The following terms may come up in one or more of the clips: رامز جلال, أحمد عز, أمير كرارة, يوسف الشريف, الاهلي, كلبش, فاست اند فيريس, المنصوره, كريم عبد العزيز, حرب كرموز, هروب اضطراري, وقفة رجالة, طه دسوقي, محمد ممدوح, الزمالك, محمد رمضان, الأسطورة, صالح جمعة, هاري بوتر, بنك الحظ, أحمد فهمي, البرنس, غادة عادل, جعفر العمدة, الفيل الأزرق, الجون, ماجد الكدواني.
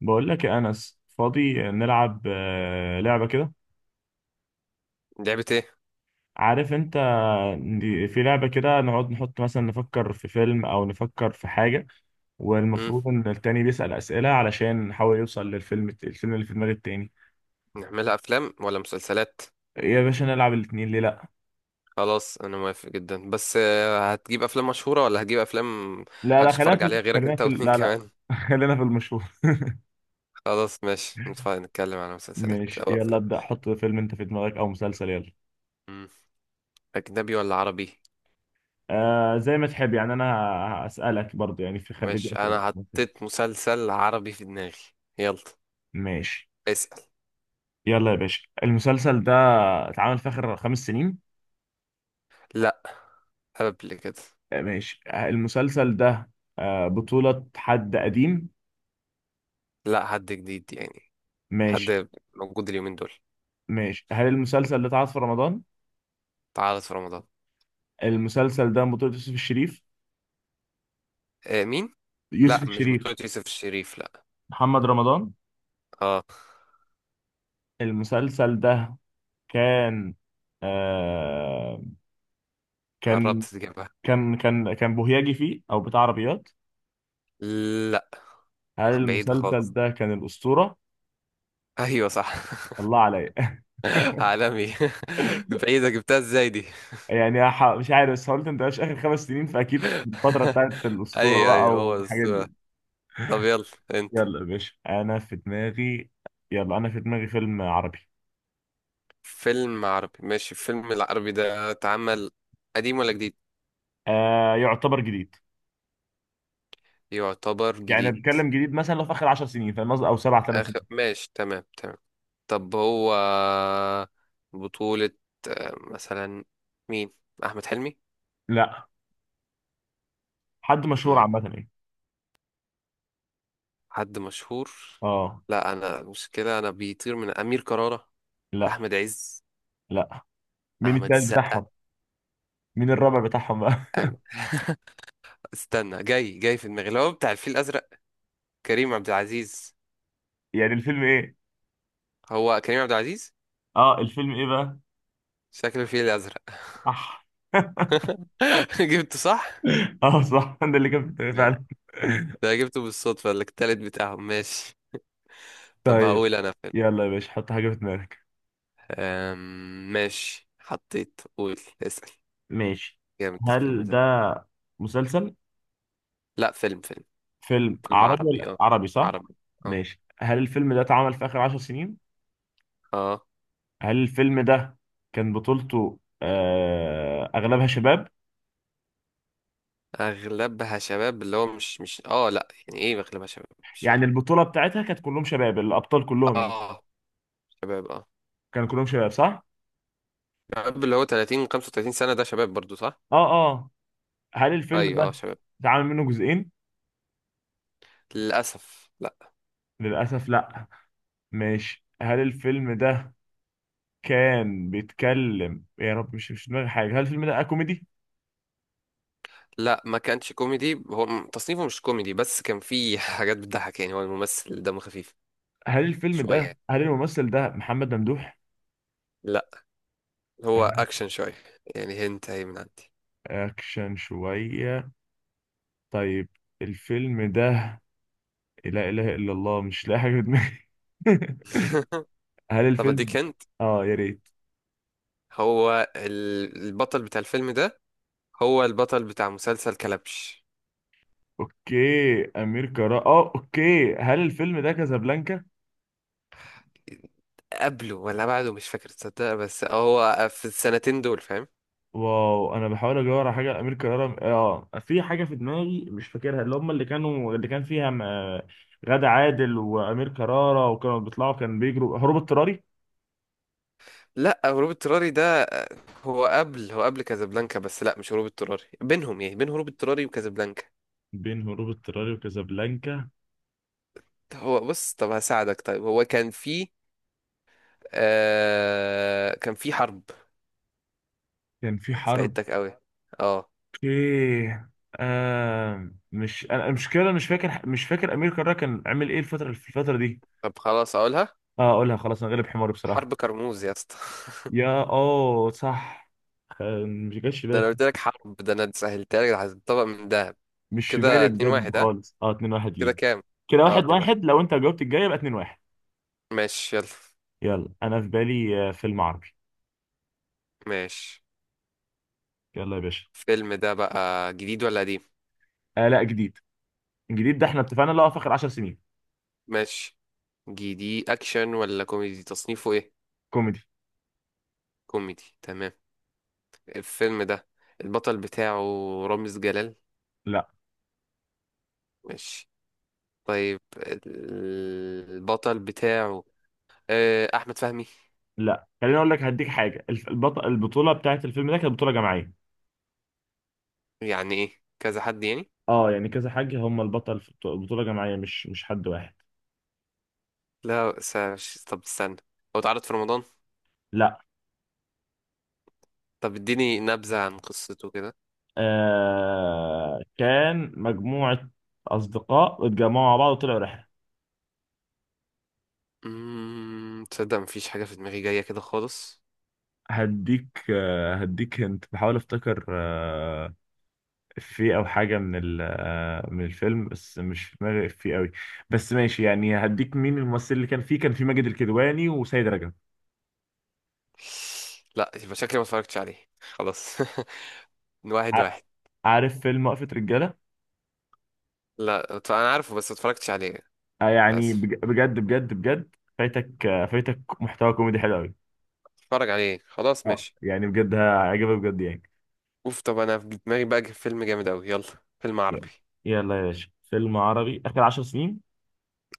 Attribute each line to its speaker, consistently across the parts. Speaker 1: بقول لك يا انس فاضي نلعب لعبه كده.
Speaker 2: لعبة ايه؟
Speaker 1: عارف انت. في لعبه كده نقعد نحط مثلا نفكر في فيلم او نفكر في حاجه،
Speaker 2: مم.
Speaker 1: والمفروض ان التاني بيسال اسئله علشان نحاول يوصل للفيلم، اللي في دماغ التاني.
Speaker 2: نعملها افلام ولا مسلسلات؟
Speaker 1: يا باشا نلعب الاتنين ليه لا.
Speaker 2: خلاص انا موافق جدا بس هتجيب افلام مشهورة ولا هتجيب افلام محدش
Speaker 1: خلينا
Speaker 2: يتفرج
Speaker 1: في
Speaker 2: عليها غيرك انت واتنين
Speaker 1: لا لا
Speaker 2: كمان؟
Speaker 1: خلينا في المشهور.
Speaker 2: خلاص ماشي نتكلم على مسلسلات
Speaker 1: ماشي
Speaker 2: او
Speaker 1: يلا
Speaker 2: افلام.
Speaker 1: ابدا، حط فيلم انت في دماغك او مسلسل يلا.
Speaker 2: مم. اجنبي ولا عربي؟
Speaker 1: آه زي ما تحب، يعني انا هسالك برضه، يعني في خليك
Speaker 2: ماشي،
Speaker 1: اسئله في
Speaker 2: انا
Speaker 1: المسلسل.
Speaker 2: حطيت مسلسل عربي في دماغي. يلا
Speaker 1: ماشي.
Speaker 2: اسأل.
Speaker 1: يلا يا باشا، المسلسل ده اتعمل في آخر 5 سنين؟
Speaker 2: لا، قبل كده.
Speaker 1: ماشي. المسلسل ده بطولة حد قديم؟
Speaker 2: لا، حد جديد يعني،
Speaker 1: ماشي.
Speaker 2: حد موجود اليومين دول.
Speaker 1: ماشي، هل المسلسل ده اتعرض في رمضان؟
Speaker 2: تعرض في رمضان.
Speaker 1: المسلسل ده بطولة يوسف الشريف.
Speaker 2: آه مين؟
Speaker 1: يوسف
Speaker 2: لا مش
Speaker 1: الشريف.
Speaker 2: بطولة يوسف الشريف، لا.
Speaker 1: محمد رمضان.
Speaker 2: اه،
Speaker 1: المسلسل ده كان آه
Speaker 2: قربت
Speaker 1: كان
Speaker 2: تجيبها.
Speaker 1: كان بوهياجي فيه او بتاع عربيات.
Speaker 2: لا،
Speaker 1: هل
Speaker 2: بعيدة
Speaker 1: المسلسل
Speaker 2: خالص.
Speaker 1: ده كان الأسطورة؟
Speaker 2: ايوه صح.
Speaker 1: الله عليا.
Speaker 2: عالمي. بعيدة، جبتها ازاي دي؟
Speaker 1: مش عارف، بس قلت انت مش اخر خمس سنين، فاكيد في الفتره بتاعت الاسطوره
Speaker 2: ايوه ايوه،
Speaker 1: بقى
Speaker 2: هو
Speaker 1: والحاجات
Speaker 2: السؤال.
Speaker 1: دي.
Speaker 2: طب يلا انت.
Speaker 1: يلا يا باشا انا في دماغي. يلا انا في دماغي فيلم عربي.
Speaker 2: فيلم عربي ماشي، الفيلم العربي ده اتعمل قديم ولا جديد؟
Speaker 1: آه يعتبر جديد.
Speaker 2: يعتبر
Speaker 1: يعني
Speaker 2: جديد.
Speaker 1: بتكلم جديد، مثلا لو في اخر 10 سنين، فاهم قصدي؟ او سبع ثمان
Speaker 2: اخر
Speaker 1: سنين.
Speaker 2: ماشي، تمام تمام. طب هو بطولة مثلا مين؟ احمد حلمي؟
Speaker 1: لا، حد مشهور
Speaker 2: مم،
Speaker 1: عامه يعني.
Speaker 2: حد مشهور.
Speaker 1: اه.
Speaker 2: لا انا مشكلة، انا بيطير من امير كرارة.
Speaker 1: لا.
Speaker 2: احمد عز؟
Speaker 1: لا. مين
Speaker 2: احمد
Speaker 1: التالت
Speaker 2: السقا؟
Speaker 1: بتاعهم؟ مين الرابع بتاعهم بقى؟
Speaker 2: أم... استنى، جاي جاي في دماغي اللي هو بتاع الفيل الازرق. كريم عبد العزيز.
Speaker 1: يعني الفيلم ايه؟
Speaker 2: هو كريم عبد العزيز،
Speaker 1: اه، الفيلم ايه بقى؟
Speaker 2: شكله الفيل الازرق.
Speaker 1: صح.
Speaker 2: جبته صح.
Speaker 1: اه صح، ده اللي كان في دماغي
Speaker 2: جامد.
Speaker 1: فعلا.
Speaker 2: ده جبته بالصدفه، التالت بتاعهم. ماشي، طب
Speaker 1: طيب،
Speaker 2: هقول انا فيلم.
Speaker 1: يلا يا باشا، حط حاجه في دماغك.
Speaker 2: ماشي حطيت، قول اسال.
Speaker 1: ماشي،
Speaker 2: جامد الفيلم
Speaker 1: هل
Speaker 2: ده.
Speaker 1: ده مسلسل؟
Speaker 2: لا، فيلم فيلم.
Speaker 1: فيلم
Speaker 2: فيلم
Speaker 1: عربي
Speaker 2: عربي،
Speaker 1: ولا
Speaker 2: اه.
Speaker 1: عربي صح؟
Speaker 2: عربي، اه.
Speaker 1: ماشي، هل الفيلم ده اتعمل في آخر 10 سنين؟
Speaker 2: اه،
Speaker 1: هل الفيلم ده كان بطولته أغلبها شباب؟
Speaker 2: اغلبها شباب اللي هو مش اه لا، يعني ايه اغلبها شباب؟ مش
Speaker 1: يعني
Speaker 2: فاهم.
Speaker 1: البطولة بتاعتها كانت كلهم شباب، الأبطال كلهم يعني.
Speaker 2: اه، شباب. اه
Speaker 1: كانوا كلهم شباب صح.
Speaker 2: شباب اللي هو 30 35 سنه، ده شباب برضو، صح؟
Speaker 1: اه. اه. هل الفيلم
Speaker 2: ايوه، اه
Speaker 1: ده
Speaker 2: شباب.
Speaker 1: اتعمل منه جزئين؟
Speaker 2: للأسف لا.
Speaker 1: للأسف لا. ماشي، هل الفيلم ده كان بيتكلم يا رب مش في دماغي حاجة، هل الفيلم ده كوميدي؟
Speaker 2: لا، ما كانتش كوميدي، هو تصنيفه مش كوميدي، بس كان فيه حاجات بتضحك يعني، هو الممثل دمه خفيف
Speaker 1: هل الفيلم
Speaker 2: شوية
Speaker 1: ده
Speaker 2: يعني.
Speaker 1: الممثل ده محمد ممدوح؟
Speaker 2: لا، هو أكشن شوية يعني، هنت أهي من عندي.
Speaker 1: اكشن شوية. طيب. الفيلم ده. لا اله الا الله، مش لاقي حاجة في دماغي. هل
Speaker 2: طب
Speaker 1: الفيلم،
Speaker 2: أديك هنت.
Speaker 1: اه يا ريت.
Speaker 2: هو البطل بتاع الفيلم ده هو البطل بتاع مسلسل كلبش.
Speaker 1: اوكي، امير كرارة، اه اوكي، هل الفيلم ده كازابلانكا؟
Speaker 2: قبله ولا بعده مش فاكر تصدق، بس هو في السنتين دول، فاهم؟
Speaker 1: واو، انا بحاول ادور على حاجه. امير كرارة، اه، في حاجه في دماغي مش فاكرها، اللي كان فيها غادة عادل وامير كرارة، وكانوا بيطلعوا كان بيجروا، هروب اضطراري.
Speaker 2: لا، هروب اضطراري ده هو قبل كازابلانكا، بس لا، مش هروب اضطراري، بينهم يعني، بين هروب اضطراري وكازابلانكا.
Speaker 1: بين هروب اضطراري وكازابلانكا.
Speaker 2: هو بص، طب هساعدك، طيب هو كان في حرب.
Speaker 1: كان في حرب.
Speaker 2: ساعدتك قوي. اه.
Speaker 1: اوكي. مش انا المشكله مش فاكر، امير كرارة كان عامل ايه في الفتره دي.
Speaker 2: طب خلاص اقولها،
Speaker 1: اه، اقولها خلاص، انا غلب حماري بصراحه.
Speaker 2: حرب كرموز يا اسطى.
Speaker 1: يا اه صح. مش جاش في
Speaker 2: ده
Speaker 1: بالي
Speaker 2: انا قلت لك حرب، ده انا سهلتها لك، ده هتطبق من دهب.
Speaker 1: مش في
Speaker 2: كده
Speaker 1: بالي
Speaker 2: اتنين
Speaker 1: بجد
Speaker 2: واحد ها
Speaker 1: خالص. اه، 2-1
Speaker 2: كده
Speaker 1: ليك.
Speaker 2: كام؟
Speaker 1: كده
Speaker 2: اه،
Speaker 1: واحد
Speaker 2: 2-1.
Speaker 1: واحد، لو انت جاوبت الجايه يبقى 2-1.
Speaker 2: ماشي يلا.
Speaker 1: يلا انا في بالي فيلم عربي.
Speaker 2: ماشي،
Speaker 1: يلا يا باشا.
Speaker 2: الفيلم ده بقى جديد ولا قديم؟
Speaker 1: آه لا، جديد. الجديد ده احنا اتفقنا اللي هو في اخر 10 سنين.
Speaker 2: ماشي. جديد اكشن ولا كوميدي، تصنيفه ايه؟
Speaker 1: كوميدي.
Speaker 2: كوميدي، تمام. الفيلم ده البطل بتاعه رامز جلال؟
Speaker 1: لا
Speaker 2: ماشي، طيب البطل بتاعه أحمد فهمي؟
Speaker 1: لا خليني اقول لك هديك حاجه، البطوله بتاعت الفيلم ده كانت بطوله جماعيه.
Speaker 2: يعني إيه كذا حد يعني؟
Speaker 1: اه يعني كذا حاجة، هم البطل في بطولة جماعية، مش حد واحد.
Speaker 2: لا طب استنى، هو اتعرض في رمضان؟
Speaker 1: لا.
Speaker 2: طب اديني نبذة عن قصته كده.
Speaker 1: آه كان مجموعة أصدقاء اتجمعوا مع بعض وطلعوا رحلة.
Speaker 2: تصدق مفيش حاجة في دماغي جاية كده خالص.
Speaker 1: هديك هنت. بحاول افتكر، آه، في او حاجة من ال آه من الفيلم، بس مش في دماغي في قوي. بس ماشي يعني، هديك، مين الممثل اللي كان فيه؟ كان في ماجد الكدواني وسيد رجب.
Speaker 2: لا، يبقى شكلي ما اتفرجتش عليه، خلاص. واحد
Speaker 1: ع-
Speaker 2: واحد
Speaker 1: عارف فيلم وقفة رجالة؟
Speaker 2: لا أنا عارفه بس ما اتفرجتش عليه.
Speaker 1: آه يعني
Speaker 2: للأسف.
Speaker 1: بجد بجد بجد فايتك، آه فايتك محتوى كوميدي حلو قوي.
Speaker 2: اتفرج عليه، خلاص،
Speaker 1: اه
Speaker 2: ماشي.
Speaker 1: يعني بجد هيعجبك بجد يعني.
Speaker 2: اوف، طب أنا في دماغي بقى فيلم جامد أوي. يلا، فيلم
Speaker 1: يلا.
Speaker 2: عربي
Speaker 1: يلا يا باشا، فيلم عربي آخر 10 سنين.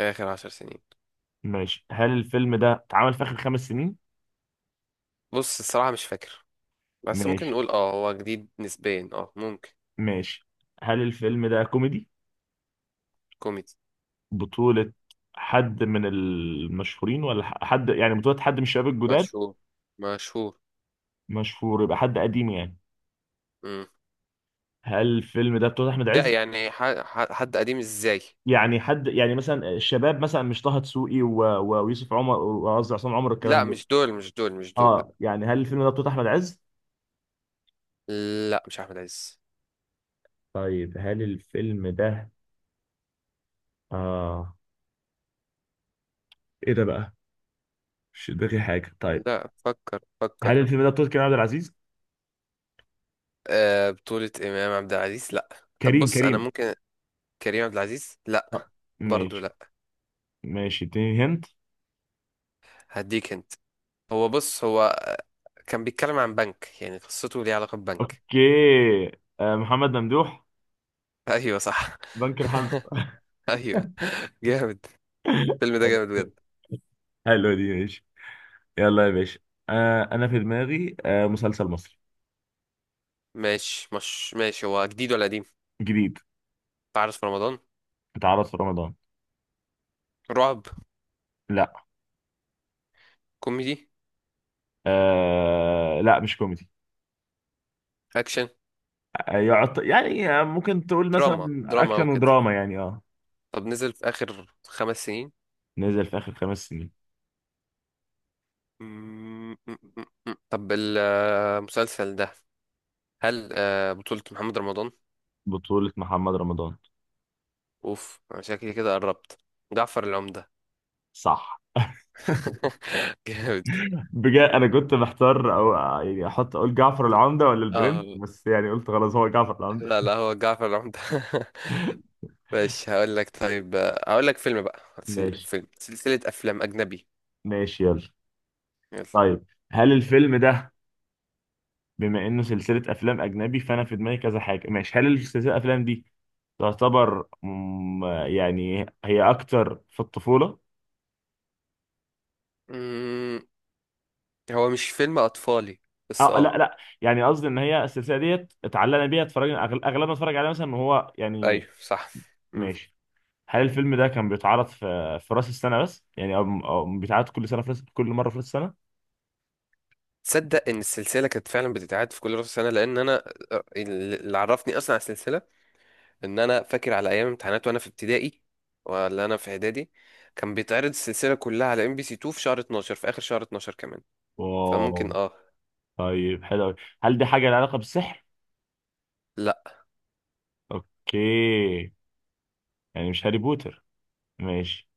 Speaker 2: آخر 10 سنين.
Speaker 1: ماشي، هل الفيلم ده اتعمل في آخر خمس سنين؟
Speaker 2: بص، الصراحة مش فاكر، بس ممكن
Speaker 1: ماشي.
Speaker 2: نقول اه هو جديد نسبيا، اه ممكن.
Speaker 1: ماشي، هل الفيلم ده كوميدي؟
Speaker 2: كوميدي.
Speaker 1: بطولة حد من المشهورين ولا حد يعني بطولة حد من الشباب الجداد؟
Speaker 2: مشهور مشهور.
Speaker 1: مشهور يبقى حد قديم يعني.
Speaker 2: امم
Speaker 1: هل الفيلم ده بطولة أحمد
Speaker 2: لا
Speaker 1: عز؟
Speaker 2: يعني حد قديم ازاي؟
Speaker 1: يعني حد يعني مثلا الشباب، مثلا مش طه دسوقي و- و- ويوسف عمر، وقصدي عصام عمر، الكلام
Speaker 2: لا،
Speaker 1: ده.
Speaker 2: مش دول مش دول مش دول، لا.
Speaker 1: اه يعني، هل الفيلم ده بطولة أحمد عز؟
Speaker 2: لا مش احمد عز.
Speaker 1: طيب هل الفيلم ده، اه، ايه ده بقى، مش في دماغي حاجه. طيب
Speaker 2: لا، فكر
Speaker 1: هل
Speaker 2: فكر.
Speaker 1: الفيلم ده بطولة كريم عبد العزيز؟
Speaker 2: آه، بطولة امام عبد العزيز لا. طب
Speaker 1: كريم
Speaker 2: بص انا
Speaker 1: كريم
Speaker 2: ممكن. كريم عبد العزيز
Speaker 1: آه.
Speaker 2: لا. برضو
Speaker 1: ماشي.
Speaker 2: لا.
Speaker 1: ماشي، اديني هنت.
Speaker 2: هديك انت. هو بص كان بيتكلم عن بنك، يعني قصته ليها علاقة ببنك.
Speaker 1: اوكي، آه، محمد ممدوح؟
Speaker 2: ايوه صح.
Speaker 1: بنك الحظ.
Speaker 2: ايوه. جامد، الفيلم ده
Speaker 1: حلو.
Speaker 2: جامد بجد.
Speaker 1: حلو دي، ماشي. يلا يا باشا، انا في دماغي مسلسل مصري.
Speaker 2: ماشي، مش ماشي، هو جديد ولا قديم؟
Speaker 1: جديد.
Speaker 2: تعرف في رمضان.
Speaker 1: اتعرض في رمضان.
Speaker 2: رعب.
Speaker 1: لا.
Speaker 2: كوميدي.
Speaker 1: لا مش كوميدي.
Speaker 2: اكشن.
Speaker 1: يعني آه ممكن تقول
Speaker 2: دراما
Speaker 1: مثلا
Speaker 2: دراما
Speaker 1: اكشن
Speaker 2: وكده.
Speaker 1: ودراما يعني، اه.
Speaker 2: طب نزل في اخر 5 سنين؟
Speaker 1: نزل في اخر 5 سنين.
Speaker 2: طب المسلسل ده هل بطولة محمد رمضان؟
Speaker 1: بطولة محمد رمضان.
Speaker 2: اوف، انا شكلي كده قربت، جعفر العمدة.
Speaker 1: صح.
Speaker 2: جامد.
Speaker 1: بجد انا كنت محتار، او يعني احط، اقول جعفر العمدة ولا البرنس،
Speaker 2: اه
Speaker 1: بس يعني قلت خلاص هو جعفر العمدة.
Speaker 2: لا لا، هو جعفر العمدة. ماشي هقول لك، طيب هقول لك فيلم بقى
Speaker 1: ماشي.
Speaker 2: فيلم سلسلة افلام اجنبي.
Speaker 1: ماشي يلا. طيب هل الفيلم ده، بما انه سلسلة افلام اجنبي، فانا في دماغي كذا حاجة. ماشي، هل السلسلة الافلام دي تعتبر يعني هي اكتر في الطفولة؟
Speaker 2: يلا، هو مش فيلم اطفالي بس
Speaker 1: اه لا
Speaker 2: اه.
Speaker 1: لا، يعني قصدي ان هي السلسلة ديت اتعلقنا بيها، اتفرجنا اغلبنا اتفرج عليها مثلا وهو يعني.
Speaker 2: ايوه صح. مم.
Speaker 1: ماشي. هل الفيلم ده كان بيتعرض في راس السنة بس يعني، او أو بيتعرض كل سنة في راس، كل مرة في راس السنة؟
Speaker 2: تصدق ان السلسله كانت فعلا بتتعاد في كل راس سنه، لان انا اللي عرفني اصلا على السلسله ان انا فاكر على ايام امتحانات وانا في ابتدائي ولا انا في اعدادي كان بيتعرض السلسله كلها على ام بي سي 2 في شهر 12، في اخر شهر 12 كمان. فممكن
Speaker 1: واو.
Speaker 2: اه.
Speaker 1: طيب حلو أوي. هل دي حاجة لها علاقة بالسحر؟
Speaker 2: لا،
Speaker 1: اوكي. يعني مش هاري بوتر. ماشي.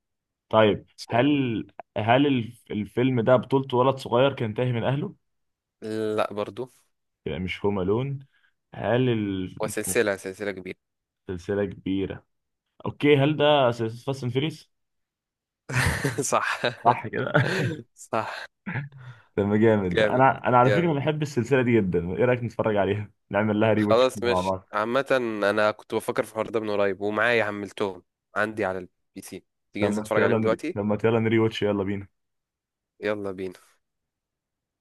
Speaker 1: طيب
Speaker 2: سلام.
Speaker 1: هل، هل الفيلم ده بطولته ولد صغير كان تاهي من اهله؟
Speaker 2: لا، برضو.
Speaker 1: يبقى مش هوم الون. هل ال-
Speaker 2: وسلسله كبيره.
Speaker 1: سلسلة كبيرة. اوكي، هل ده سلسلة فاست اند فيريس؟
Speaker 2: صح.
Speaker 1: صح كده.
Speaker 2: صح.
Speaker 1: طب جامد.
Speaker 2: جامد
Speaker 1: انا انا على فكرة
Speaker 2: جامد.
Speaker 1: بحب السلسلة دي جدا، ايه رأيك نتفرج عليها؟ نعمل لها ري واتش
Speaker 2: خلاص
Speaker 1: مع
Speaker 2: مش
Speaker 1: بعض.
Speaker 2: عامة، انا كنت بفكر في الحوار ده من قريب ومعايا حملتهم عندي على البي سي. تيجي ننزل نتفرج عليهم دلوقتي؟
Speaker 1: لما يلا نري واتش، يلا بينا.
Speaker 2: يلا بينا.